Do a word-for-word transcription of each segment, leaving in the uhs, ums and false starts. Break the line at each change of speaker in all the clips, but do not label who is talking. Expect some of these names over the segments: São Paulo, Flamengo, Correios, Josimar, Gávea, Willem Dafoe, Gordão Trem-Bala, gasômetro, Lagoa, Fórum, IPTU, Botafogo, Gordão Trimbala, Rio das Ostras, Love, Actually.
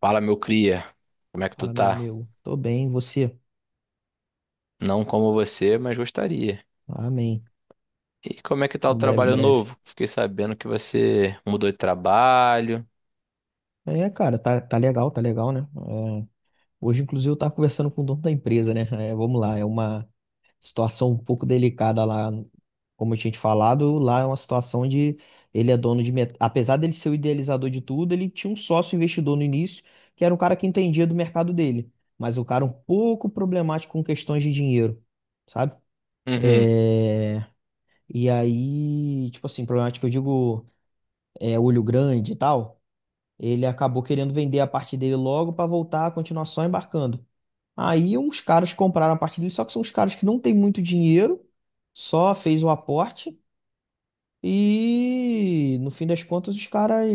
Fala, meu cria. Como é que tu
Fala, meu
tá?
amigo. Tô bem, e você?
Não como você, mas gostaria.
Amém.
E como é que tá o
Em breve,
trabalho
breve.
novo? Fiquei sabendo que você mudou de trabalho.
É, cara, tá, tá legal, tá legal, né? É, hoje, inclusive, eu tava conversando com o dono da empresa, né? É, vamos lá, é uma situação um pouco delicada lá, como eu tinha te falado, lá é uma situação onde ele é dono de... met- Apesar dele ser o idealizador de tudo, ele tinha um sócio investidor no início, que era um cara que entendia do mercado dele, mas o cara um pouco problemático com questões de dinheiro, sabe?
Uhum,
É... E aí, tipo assim, problemático, eu digo é, olho grande e tal, ele acabou querendo vender a parte dele logo para voltar a continuar só embarcando. Aí uns caras compraram a parte dele, só que são uns caras que não têm muito dinheiro, só fez o aporte e no fim das contas os caras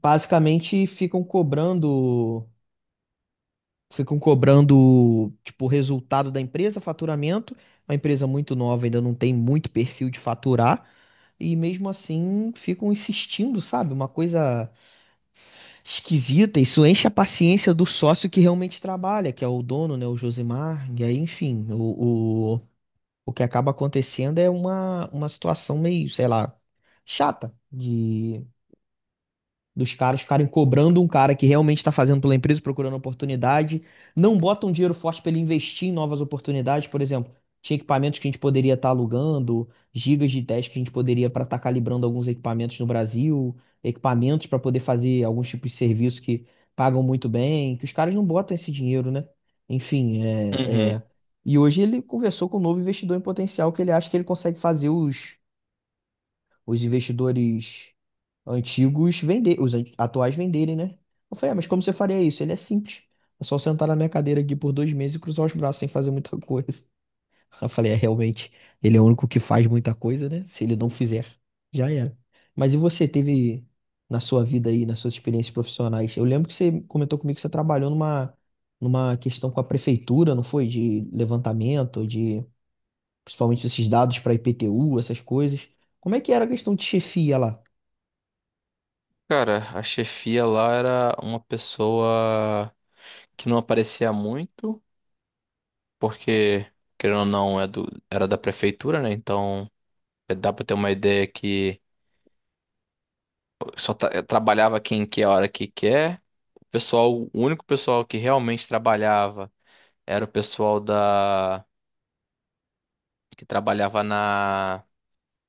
basicamente ficam cobrando, ficam cobrando tipo o resultado da empresa, faturamento. É uma empresa muito nova, ainda não tem muito perfil de faturar e mesmo assim ficam insistindo, sabe? Uma coisa esquisita, isso enche a paciência do sócio que realmente trabalha, que é o dono, né, o Josimar, e aí, enfim, o, o, o que acaba acontecendo é uma, uma situação meio, sei lá, chata de, dos caras ficarem cobrando um cara que realmente está fazendo pela empresa, procurando oportunidade, não botam dinheiro forte para ele investir em novas oportunidades, por exemplo, tinha equipamentos que a gente poderia estar alugando, gigas de teste que a gente poderia para estar calibrando alguns equipamentos no Brasil, equipamentos para poder fazer alguns tipos de serviço que pagam muito bem, que os caras não botam esse dinheiro, né? Enfim, é,
uhum.
é... E hoje ele conversou com um novo investidor em potencial que ele acha que ele consegue fazer os, os investidores antigos vender, os an- atuais venderem, né? Eu falei, ah, mas como você faria isso? Ele é simples. É só sentar na minha cadeira aqui por dois meses e cruzar os braços sem fazer muita coisa. Eu falei, é realmente, ele é o único que faz muita coisa, né? Se ele não fizer, já era. Mas e você teve na sua vida aí, nas suas experiências profissionais? Eu lembro que você comentou comigo que você trabalhou numa, numa questão com a prefeitura, não foi? De levantamento, de principalmente esses dados para IPTU, essas coisas. Como é que era a questão de chefia lá?
Cara, a chefia lá era uma pessoa que não aparecia muito, porque, querendo ou não, é do- era da prefeitura, né? Então, é, dá pra ter uma ideia que só tra- trabalhava quem quer, a hora que quer. O pessoal, o único pessoal que realmente trabalhava era o pessoal da. Que trabalhava na,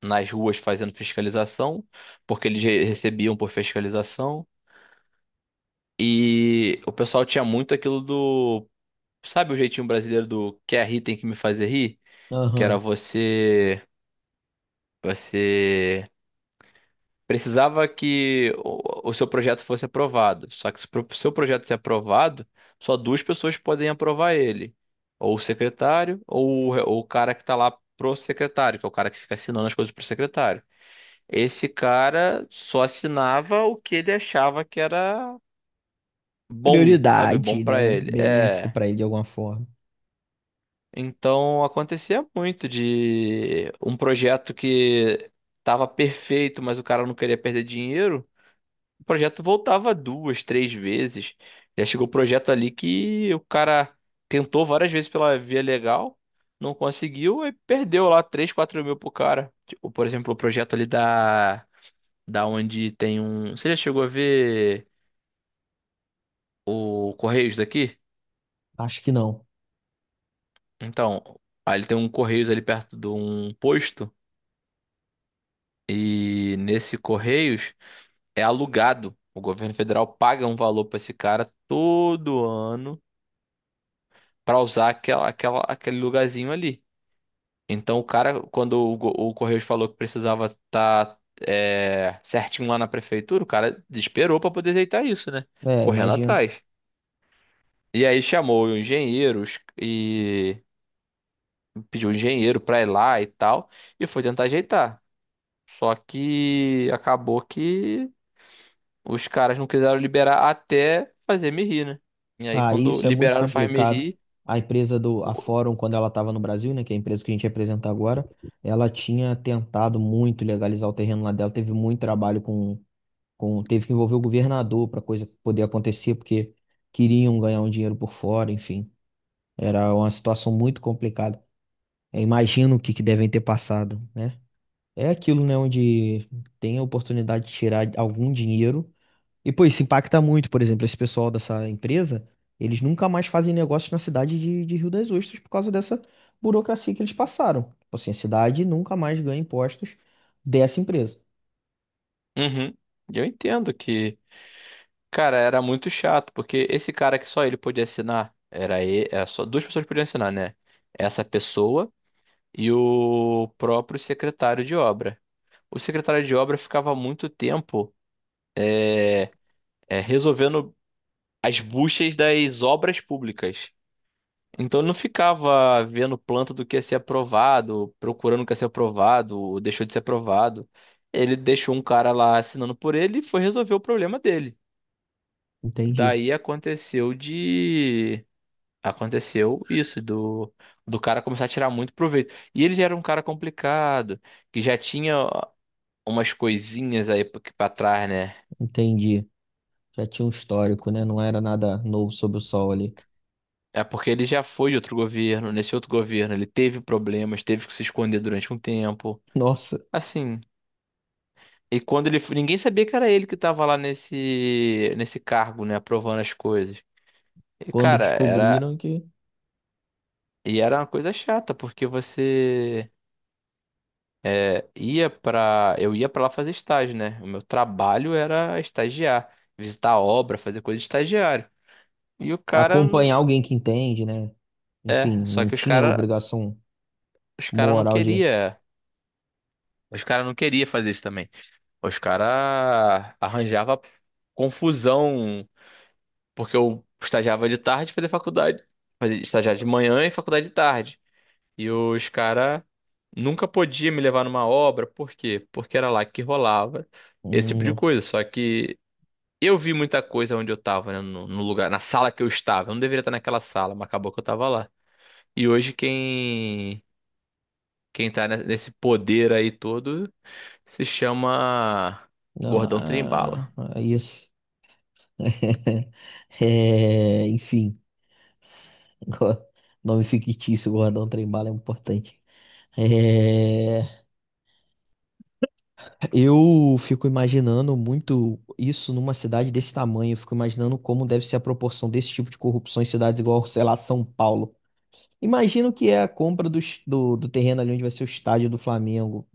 nas ruas fazendo fiscalização, porque eles re- recebiam por fiscalização. E o pessoal tinha muito aquilo do, sabe o jeitinho brasileiro do quer rir tem que me fazer rir? Que era
Aham.
você, você precisava que o, o seu projeto fosse aprovado. Só que se o seu projeto ser aprovado, só duas pessoas podem aprovar ele. Ou o secretário, ou, o- ou o cara que tá lá pro secretário, que é o cara que fica assinando as coisas pro secretário. Esse cara só assinava o que ele achava que era bom, sabe? Bom
Prioridade,
pra
né?
ele.
Benéfico
É.
para ele de alguma forma.
Então acontecia muito de um projeto que tava perfeito, mas o cara não queria perder dinheiro. O projeto voltava duas, três vezes. Já chegou o projeto ali que o cara tentou várias vezes pela via legal, não conseguiu e perdeu lá três, quatro mil pro cara. Tipo, por exemplo, o projeto ali da da onde tem um. Você já chegou a ver o Correios daqui?
Acho que não.
Então, aí ele tem um Correios ali perto de um posto e nesse Correios é alugado. O governo federal paga um valor pra esse cara todo ano pra usar aquela, aquela, aquele lugarzinho ali. Então, o cara, quando o, go- o Correios falou que precisava estar certinho lá na prefeitura, o cara desesperou pra poder ajeitar isso, né?
É,
Correndo
imagino.
atrás. E aí chamou engenheiros, pediu um engenheiro pra ir lá e tal, e foi tentar ajeitar. Só que acabou que os caras não quiseram liberar até fazer me rir, né? E aí
Ah,
quando
isso é muito
liberaram o Faz Me
complicado.
Rir,
A empresa do a
o-
Fórum, quando ela estava no Brasil, né, que é a empresa que a gente representa agora, ela tinha tentado muito legalizar o terreno lá dela, teve muito trabalho com, com teve que envolver o governador para coisa poder acontecer, porque queriam ganhar um dinheiro por fora, enfim. Era uma situação muito complicada. Eu imagino o que que devem ter passado, né? É aquilo, né, onde tem a oportunidade de tirar algum dinheiro. E, pô, isso impacta muito, por exemplo, esse pessoal dessa empresa, eles nunca mais fazem negócios na cidade de, de Rio das Ostras por causa dessa burocracia que eles passaram. Tipo assim, a cidade nunca mais ganha impostos dessa empresa.
uhum, eu entendo que, cara, era muito chato, porque esse cara que só ele podia assinar, era, e- era só duas pessoas que podiam assinar, né? Essa pessoa e o próprio secretário de obra. O secretário de obra ficava muito tempo é, é, resolvendo as buchas das obras públicas. Então eu não ficava vendo planta do que ia ser aprovado, procurando o que ia ser aprovado, ou deixou de ser aprovado. Ele deixou um cara lá assinando por ele e foi resolver o problema dele.
Entendi,
Daí aconteceu de. Aconteceu isso, do, do cara começar a tirar muito proveito. E ele já era um cara complicado, que já tinha umas coisinhas aí pra pra trás, né?
entendi. Já tinha um histórico, né? Não era nada novo sob o sol ali.
É porque ele já foi de outro governo. Nesse outro governo, ele teve problemas, teve que se esconder durante um tempo.
Nossa,
Assim, e quando ele, foi- ninguém sabia que era ele que tava lá nesse nesse cargo, né, aprovando as coisas. E
quando
cara, era
descobriram que
e era uma coisa chata, porque você é, ia pra. Eu ia pra lá fazer estágio, né? O meu trabalho era estagiar, visitar a obra, fazer coisa de estagiário. E o cara,
acompanhar alguém que entende, né? Enfim,
é, só
não
que os
tinha
cara,
obrigação
os cara não
moral de.
queria, os cara não queria fazer isso também. Os caras arranjavam confusão, porque eu estagiava de tarde e fazia faculdade. Fazia estagiar de manhã e faculdade de tarde. E os caras nunca podiam me levar numa obra, por quê? Porque era lá que rolava esse tipo de
Um,
coisa. Só que eu vi muita coisa onde eu tava, né? No, no lugar, na sala que eu estava. Eu não deveria estar naquela sala, mas acabou que eu tava lá. E hoje quem, quem tá ne- nesse poder aí todo se chama
não,
Gordão Trimbala.
ah, ah, isso. É, enfim, go- nome fictício, Gordão Trem-Bala é importante. É, eu fico imaginando muito isso numa cidade desse tamanho. Eu fico imaginando como deve ser a proporção desse tipo de corrupção em cidades igual, sei lá, São Paulo. Imagino que é a compra do, do, do terreno ali onde vai ser o estádio do Flamengo,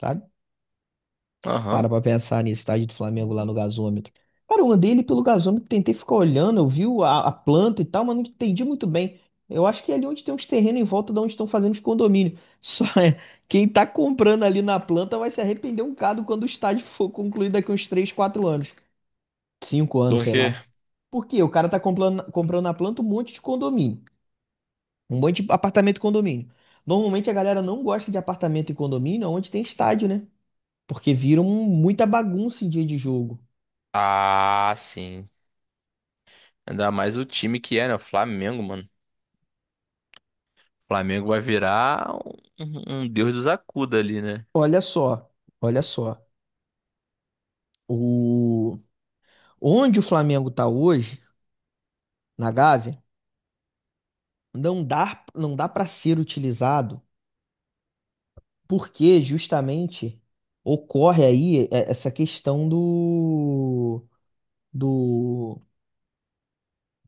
sabe? Para
Aham.
pra pensar nesse estádio do Flamengo lá no gasômetro. Cara, eu andei ali pelo gasômetro, tentei ficar olhando, eu vi o- a, a planta e tal, mas não entendi muito bem. Eu acho que é ali onde tem uns terrenos em volta de onde estão fazendo os condomínios. Só é, quem tá comprando ali na planta vai se arrepender um bocado quando o estádio for concluído daqui uns três quatro anos, cinco anos,
Por
sei
quê?
lá. Por quê? O cara tá comprando, comprando na planta um monte de condomínio. Um monte de apartamento e condomínio. Normalmente a galera não gosta de apartamento e condomínio onde tem estádio, né? Porque viram muita bagunça em dia de jogo.
Ah, sim. Ainda mais o time que é, né? O Flamengo, mano. O Flamengo vai virar um, um deus dos acuda ali, né?
Olha só, olha só. O... Onde o Flamengo está hoje, na Gávea, não dá, não dá para ser utilizado, porque justamente ocorre aí é, essa questão do, do...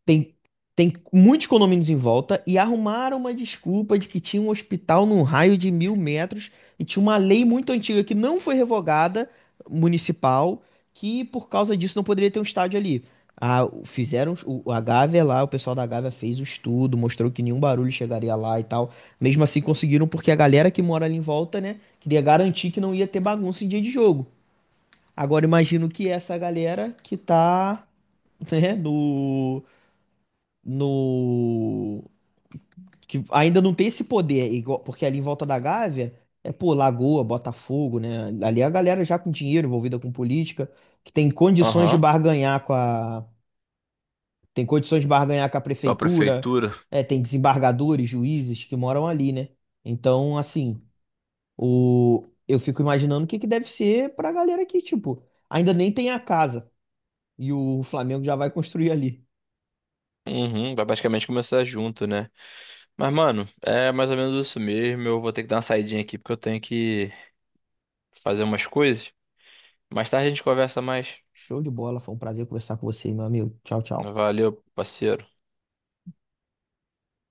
Tem, tem muitos condomínios em volta e arrumaram uma desculpa de que tinha um hospital num raio de mil metros e tinha uma lei muito antiga que não foi revogada, municipal, que por causa disso não poderia ter um estádio ali. Ah, o- fizeram o, a Gávea lá, o pessoal da Gávea fez o estudo, mostrou que nenhum barulho chegaria lá e tal. Mesmo assim conseguiram porque a galera que mora ali em volta, né, queria garantir que não ia ter bagunça em dia de jogo. Agora imagino que essa galera que tá, né, no no que ainda não tem esse poder, é igual- porque ali em volta da Gávea é, pô, Lagoa, Botafogo, né? Ali é a galera já com dinheiro envolvida com política, que tem condições de
Aham.
barganhar com a tem condições de barganhar com a
Com a
prefeitura,
prefeitura.
é, tem desembargadores, juízes que moram ali, né? Então, assim, o eu fico imaginando o que que deve ser pra galera aqui, tipo, ainda nem tem a casa e o Flamengo já vai construir ali.
Uhum, vai basicamente começar junto, né? Mas, mano, é mais ou menos isso mesmo. Eu vou ter que dar uma saidinha aqui porque eu tenho que fazer umas coisas. Mais tarde a gente conversa mais.
Show de bola, foi um prazer conversar com você, meu amigo. Tchau, tchau.
Valeu, parceiro.